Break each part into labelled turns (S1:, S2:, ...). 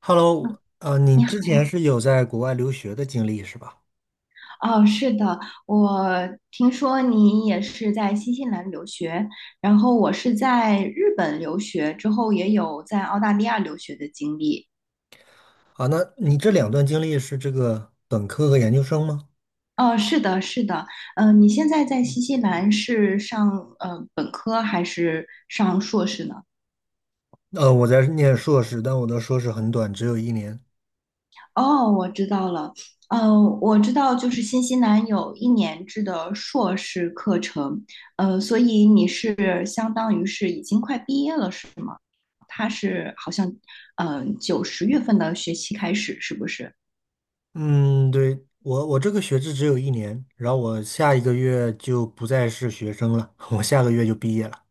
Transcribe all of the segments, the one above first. S1: Hello，你
S2: 你好。
S1: 之前是有在国外留学的经历是吧？
S2: 哦，是的，我听说你也是在新西兰留学，然后我是在日本留学，之后也有在澳大利亚留学的经历。
S1: 啊，那你这两段经历是这个本科和研究生吗？
S2: 哦，是的，是的。你现在在新西兰是上本科还是上硕士呢？
S1: 我在念硕士，但我的硕士很短，只有一年。
S2: 哦，我知道了。我知道，就是新西兰有一年制的硕士课程。所以你是相当于是已经快毕业了，是吗？他是好像，九十月份的学期开始，是不是？
S1: 嗯，对，我这个学制只有一年，然后我下一个月就不再是学生了，我下个月就毕业了。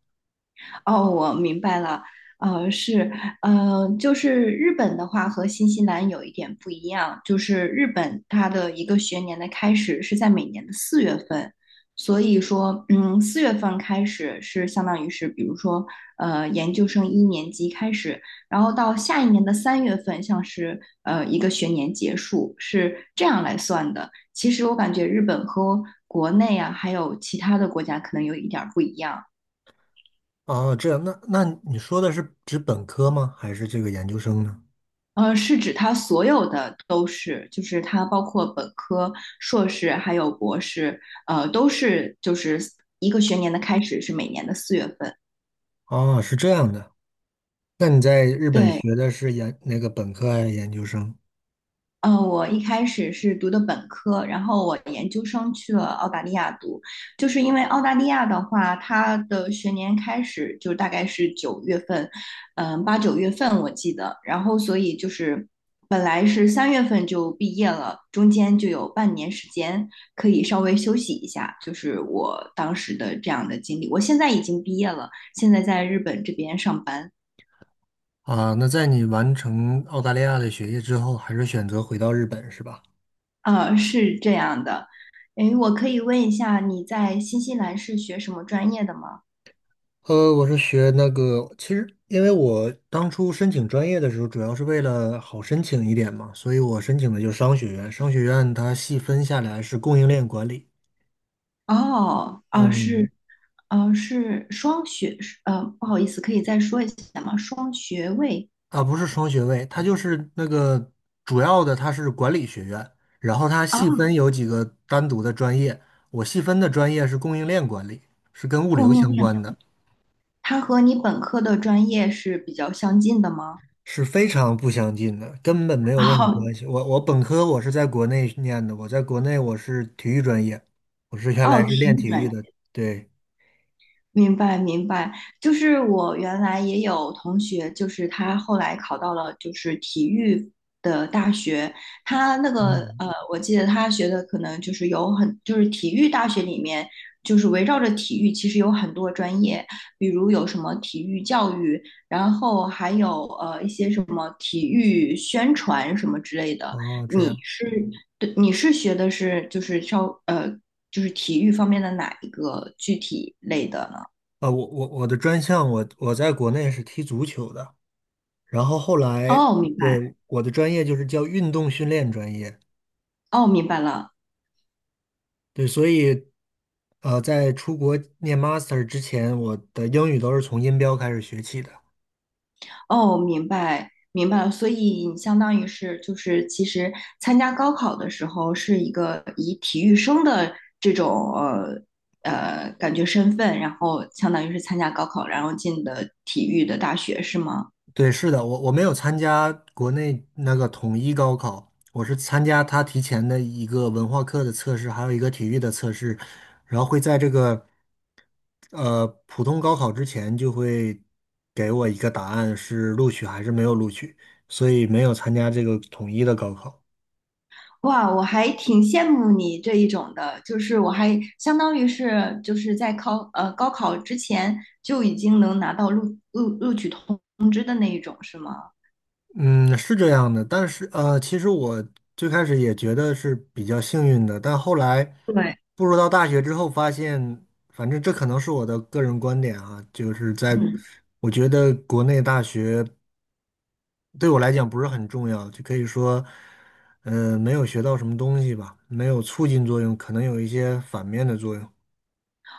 S2: 哦，我明白了。是。就是日本的话和新西兰有一点不一样，就是日本它的一个学年的开始是在每年的四月份，所以说，四月份开始是相当于是，比如说，研究生一年级开始，然后到下一年的三月份，像是一个学年结束，是这样来算的。其实我感觉日本和国内啊，还有其他的国家可能有一点儿不一样。
S1: 哦，这样，那你说的是指本科吗？还是这个研究生呢？
S2: 是指它所有的都是，就是它包括本科、硕士还有博士，都是就是一个学年的开始是每年的四月份。
S1: 哦，是这样的。那你在日本
S2: 对。
S1: 学的是那个本科还是研究生？
S2: 我一开始是读的本科，然后我研究生去了澳大利亚读，就是因为澳大利亚的话，它的学年开始就大概是九月份。八九月份我记得，然后所以就是本来是三月份就毕业了，中间就有半年时间可以稍微休息一下，就是我当时的这样的经历。我现在已经毕业了，现在在日本这边上班。
S1: 啊，那在你完成澳大利亚的学业之后，还是选择回到日本是吧？
S2: 是这样的。诶，我可以问一下，你在新西兰是学什么专业的吗？
S1: 我是学那个，其实因为我当初申请专业的时候，主要是为了好申请一点嘛，所以我申请的就是商学院。商学院它细分下来是供应链管理。
S2: 哦，
S1: 嗯。
S2: 是。是双学，是不好意思，可以再说一下吗？双学位
S1: 啊，不是双学位，它就是那个主要的，它是管理学院，然后它
S2: 啊，
S1: 细分有几个单独的专业，我细分的专业是供应链管理，是跟物流
S2: 供应
S1: 相
S2: 链，
S1: 关的。
S2: 它和你本科的专业是比较相近的吗？
S1: 是非常不相近的，根本没有任何
S2: 哦，
S1: 关系。我本科我是在国内念的，我在国内我是体育专业，我是原
S2: 哦，
S1: 来是
S2: 体
S1: 练
S2: 育
S1: 体
S2: 专
S1: 育
S2: 业。
S1: 的。对。
S2: 明白明白，就是我原来也有同学，就是他后来考到了就是体育的大学，他那个
S1: 嗯。
S2: 我记得他学的可能就是有很就是体育大学里面就是围绕着体育，其实有很多专业，比如有什么体育教育，然后还有一些什么体育宣传什么之类的。
S1: 哦，这
S2: 你
S1: 样。
S2: 是对你是学的是就是就是体育方面的哪一个具体类的呢？
S1: 啊，我的专项我在国内是踢足球的，然后后来，
S2: 哦，明白。
S1: 对，我的专业就是叫运动训练专业。
S2: 哦，明白了。
S1: 对，所以在出国念 master 之前，我的英语都是从音标开始学起的。
S2: 哦，明白，明白了。所以你相当于是就是，其实参加高考的时候是一个以体育生的这种感觉身份，然后相当于是参加高考，然后进的体育的大学，是吗？
S1: 对，是的，我没有参加国内那个统一高考，我是参加他提前的一个文化课的测试，还有一个体育的测试，然后会在这个普通高考之前就会给我一个答案是录取还是没有录取，所以没有参加这个统一的高考。
S2: 哇，我还挺羡慕你这一种的，就是我还相当于是就是在考高考之前就已经能拿到录取通知的那一种，是吗？
S1: 嗯，是这样的，但是其实我最开始也觉得是比较幸运的，但后来
S2: 对。
S1: 步入到大学之后，发现，反正这可能是我的个人观点啊，就是在
S2: 嗯。
S1: 我觉得国内大学对我来讲不是很重要，就可以说，没有学到什么东西吧，没有促进作用，可能有一些反面的作用。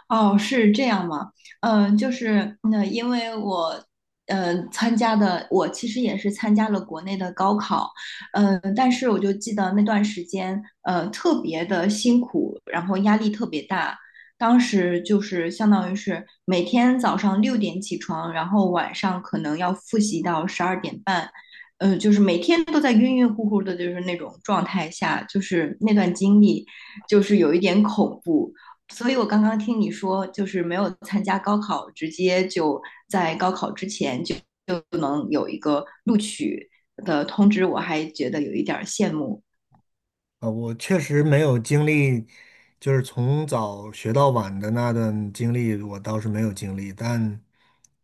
S2: 哦，是这样吗？就是那、因为我，参加的我其实也是参加了国内的高考。但是我就记得那段时间，特别的辛苦，然后压力特别大。当时就是相当于是每天早上六点起床，然后晚上可能要复习到十二点半。就是每天都在晕晕乎乎的，就是那种状态下，就是那段经历，就是有一点恐怖。所以我刚刚听你说，就是没有参加高考，直接就在高考之前就就能有一个录取的通知，我还觉得有一点羡慕。
S1: 啊，我确实没有经历，就是从早学到晚的那段经历，我倒是没有经历，但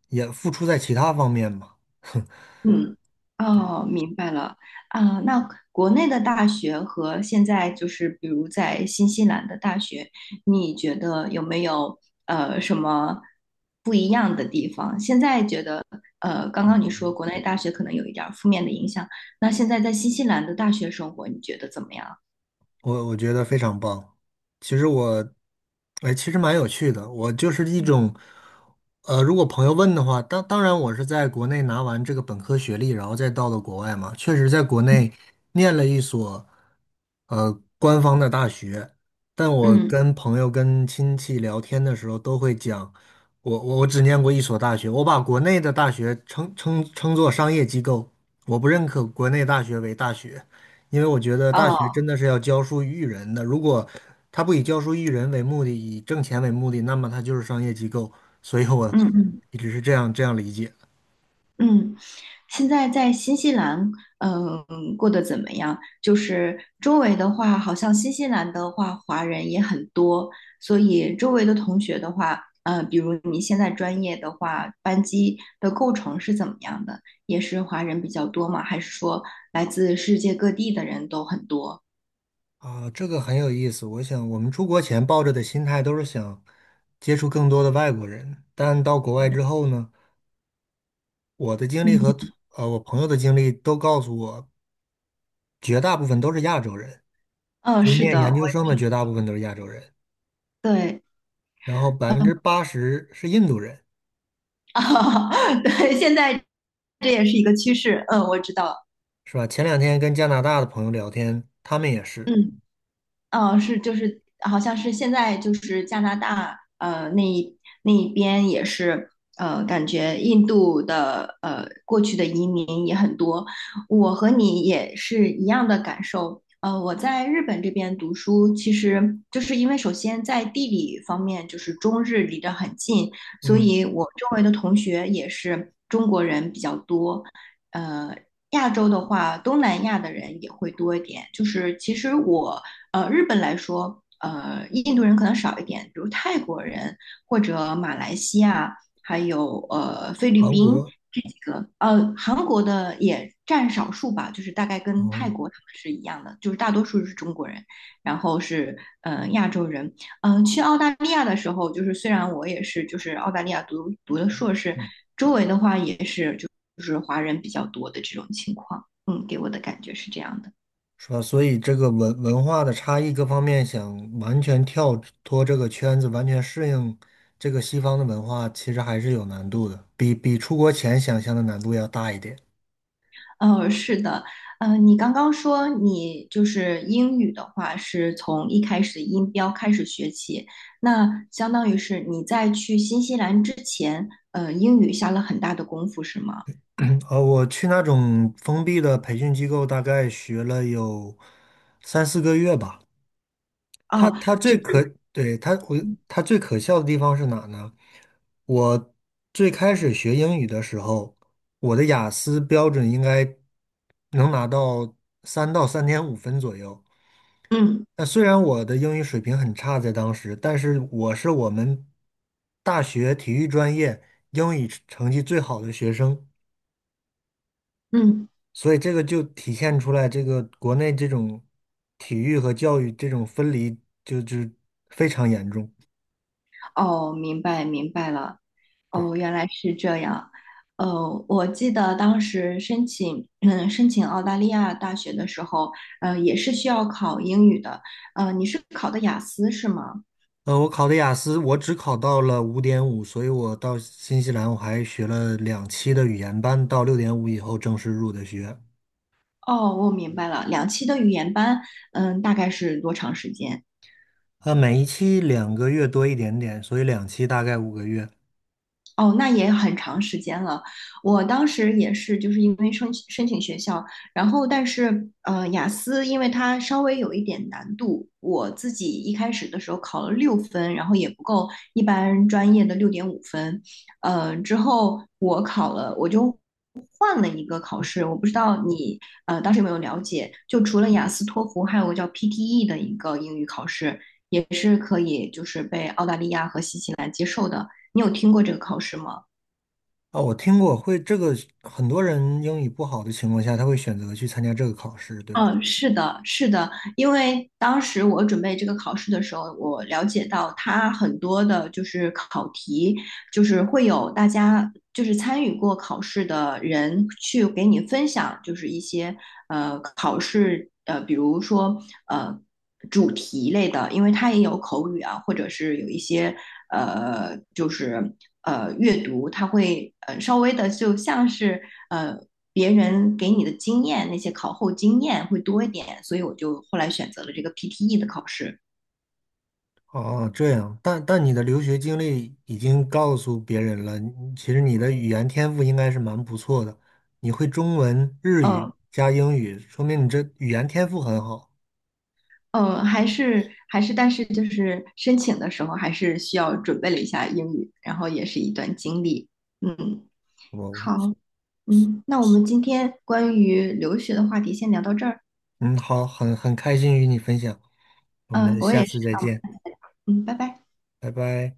S1: 也付出在其他方面吧。
S2: 嗯。
S1: 对。
S2: 哦，明白了。啊，那国内的大学和现在就是，比如在新西兰的大学，你觉得有没有什么不一样的地方？现在觉得刚刚你说国内大学可能有一点儿负面的影响，那现在在新西兰的大学生活，你觉得怎么样？
S1: 我觉得非常棒。其实我，哎，其实蛮有趣的。我就是一
S2: 嗯。
S1: 种，如果朋友问的话，当然我是在国内拿完这个本科学历，然后再到了国外嘛。确实在国内念了一所，官方的大学。但我
S2: 嗯
S1: 跟朋友、跟亲戚聊天的时候，都会讲，我只念过一所大学，我把国内的大学称作商业机构，我不认可国内大学为大学。因为我觉得大学
S2: 哦。
S1: 真的是要教书育人的。如果他不以教书育人为目的，以挣钱为目的，那么他就是商业机构。所以我
S2: 嗯嗯
S1: 一直是这样理解。
S2: 嗯,现在在新西兰，过得怎么样？就是周围的话，好像新西兰的话，华人也很多，所以周围的同学的话，比如你现在专业的话，班级的构成是怎么样的？也是华人比较多吗？还是说来自世界各地的人都很多？
S1: 啊，这个很有意思。我想我们出国前抱着的心态都是想接触更多的外国人，但到国外之后呢，我的经历和
S2: 嗯。
S1: 我朋友的经历都告诉我，绝大部分都是亚洲人，
S2: 嗯，
S1: 就是
S2: 是
S1: 念
S2: 的，
S1: 研
S2: 我
S1: 究生的
S2: 也是。
S1: 绝大部分都是亚洲人，
S2: 对。
S1: 然后百分
S2: 嗯。
S1: 之八十是印度人。
S2: 啊，对，现在这也是一个趋势，我知道。
S1: 是吧？前两天跟加拿大的朋友聊天，他们也是。
S2: 嗯。是就是好像是现在就是加拿大那一边也是感觉印度的过去的移民也很多，我和你也是一样的感受。我在日本这边读书，其实就是因为首先在地理方面就是中日离得很近，所
S1: 嗯。
S2: 以我周围的同学也是中国人比较多。呃，亚洲的话，东南亚的人也会多一点。就是其实我日本来说，印度人可能少一点，比如泰国人或者马来西亚，还有菲律
S1: 韩
S2: 宾。
S1: 国。
S2: 韩国的也占少数吧，就是大概跟泰
S1: 哦，
S2: 国他们是一样的，就是大多数是中国人，然后是亚洲人。去澳大利亚的时候，就是虽然我也是就是澳大利亚读的硕士，周围的话也是就是华人比较多的这种情况，给我的感觉是这样的。
S1: 是吧？所以这个文化的差异各方面，想完全跳脱这个圈子，完全适应这个西方的文化，其实还是有难度的，比出国前想象的难度要大一点。
S2: 是的。你刚刚说你就是英语的话，是从一开始的音标开始学起，那相当于是你在去新西兰之前，英语下了很大的功夫，是吗？
S1: 嗯，我去那种封闭的培训机构，大概学了有3、4个月吧。他
S2: 哦，
S1: 他
S2: 就
S1: 最可，
S2: 是，
S1: 对，他最可笑的地方是哪呢？我最开始学英语的时候，我的雅思标准应该能拿到3到3.5分左右。
S2: 嗯
S1: 那虽然我的英语水平很差，在当时，但是我是我们大学体育专业英语成绩最好的学生，
S2: 嗯,
S1: 所以这个就体现出来，这个国内这种体育和教育这种分离就非常严重。
S2: 哦，明白明白了。
S1: 对。
S2: 哦，原来是这样。我记得当时申请，申请澳大利亚大学的时候，也是需要考英语的。你是考的雅思是吗？
S1: 我考的雅思，我只考到了5.5，所以我到新西兰我还学了两期的语言班，到6.5以后正式入的学。
S2: 哦，我明白了，两期的语言班，大概是多长时间？
S1: 每一期2个月多一点点，所以两期大概5个月。
S2: 哦，那也很长时间了。我当时也是，就是因为申请学校，然后但是雅思因为它稍微有一点难度，我自己一开始的时候考了六分，然后也不够一般专业的六点五分。之后我考了，我就换了一个考试，我不知道你当时有没有了解，就除了雅思、托福，还有个叫 PTE 的一个英语考试，也是可以就是被澳大利亚和新西兰接受的。你有听过这个考试吗？
S1: 啊，我听过会这个，很多人英语不好的情况下，他会选择去参加这个考试，对吧？
S2: 嗯，是的，是的，因为当时我准备这个考试的时候，我了解到它很多的就是考题，就是会有大家就是参与过考试的人去给你分享，就是一些考试比如说呃主题类的，因为它也有口语啊，或者是有一些就是阅读，它会稍微的就像是呃。别人给你的经验，那些考后经验会多一点，所以我就后来选择了这个 PTE 的考试。
S1: 哦，这样，但你的留学经历已经告诉别人了，你其实你的语言天赋应该是蛮不错的，你会中文、日语
S2: 嗯。
S1: 加英语，说明你这语言天赋很好。
S2: 嗯，还是,但是就是申请的时候还是需要准备了一下英语，然后也是一段经历。嗯，
S1: 我，
S2: 好。那我们今天关于留学的话题先聊到这儿。
S1: 嗯，好，很开心与你分享，我
S2: 嗯，
S1: 们
S2: 我
S1: 下
S2: 也是。
S1: 次再见，
S2: 嗯，拜拜。
S1: 拜拜。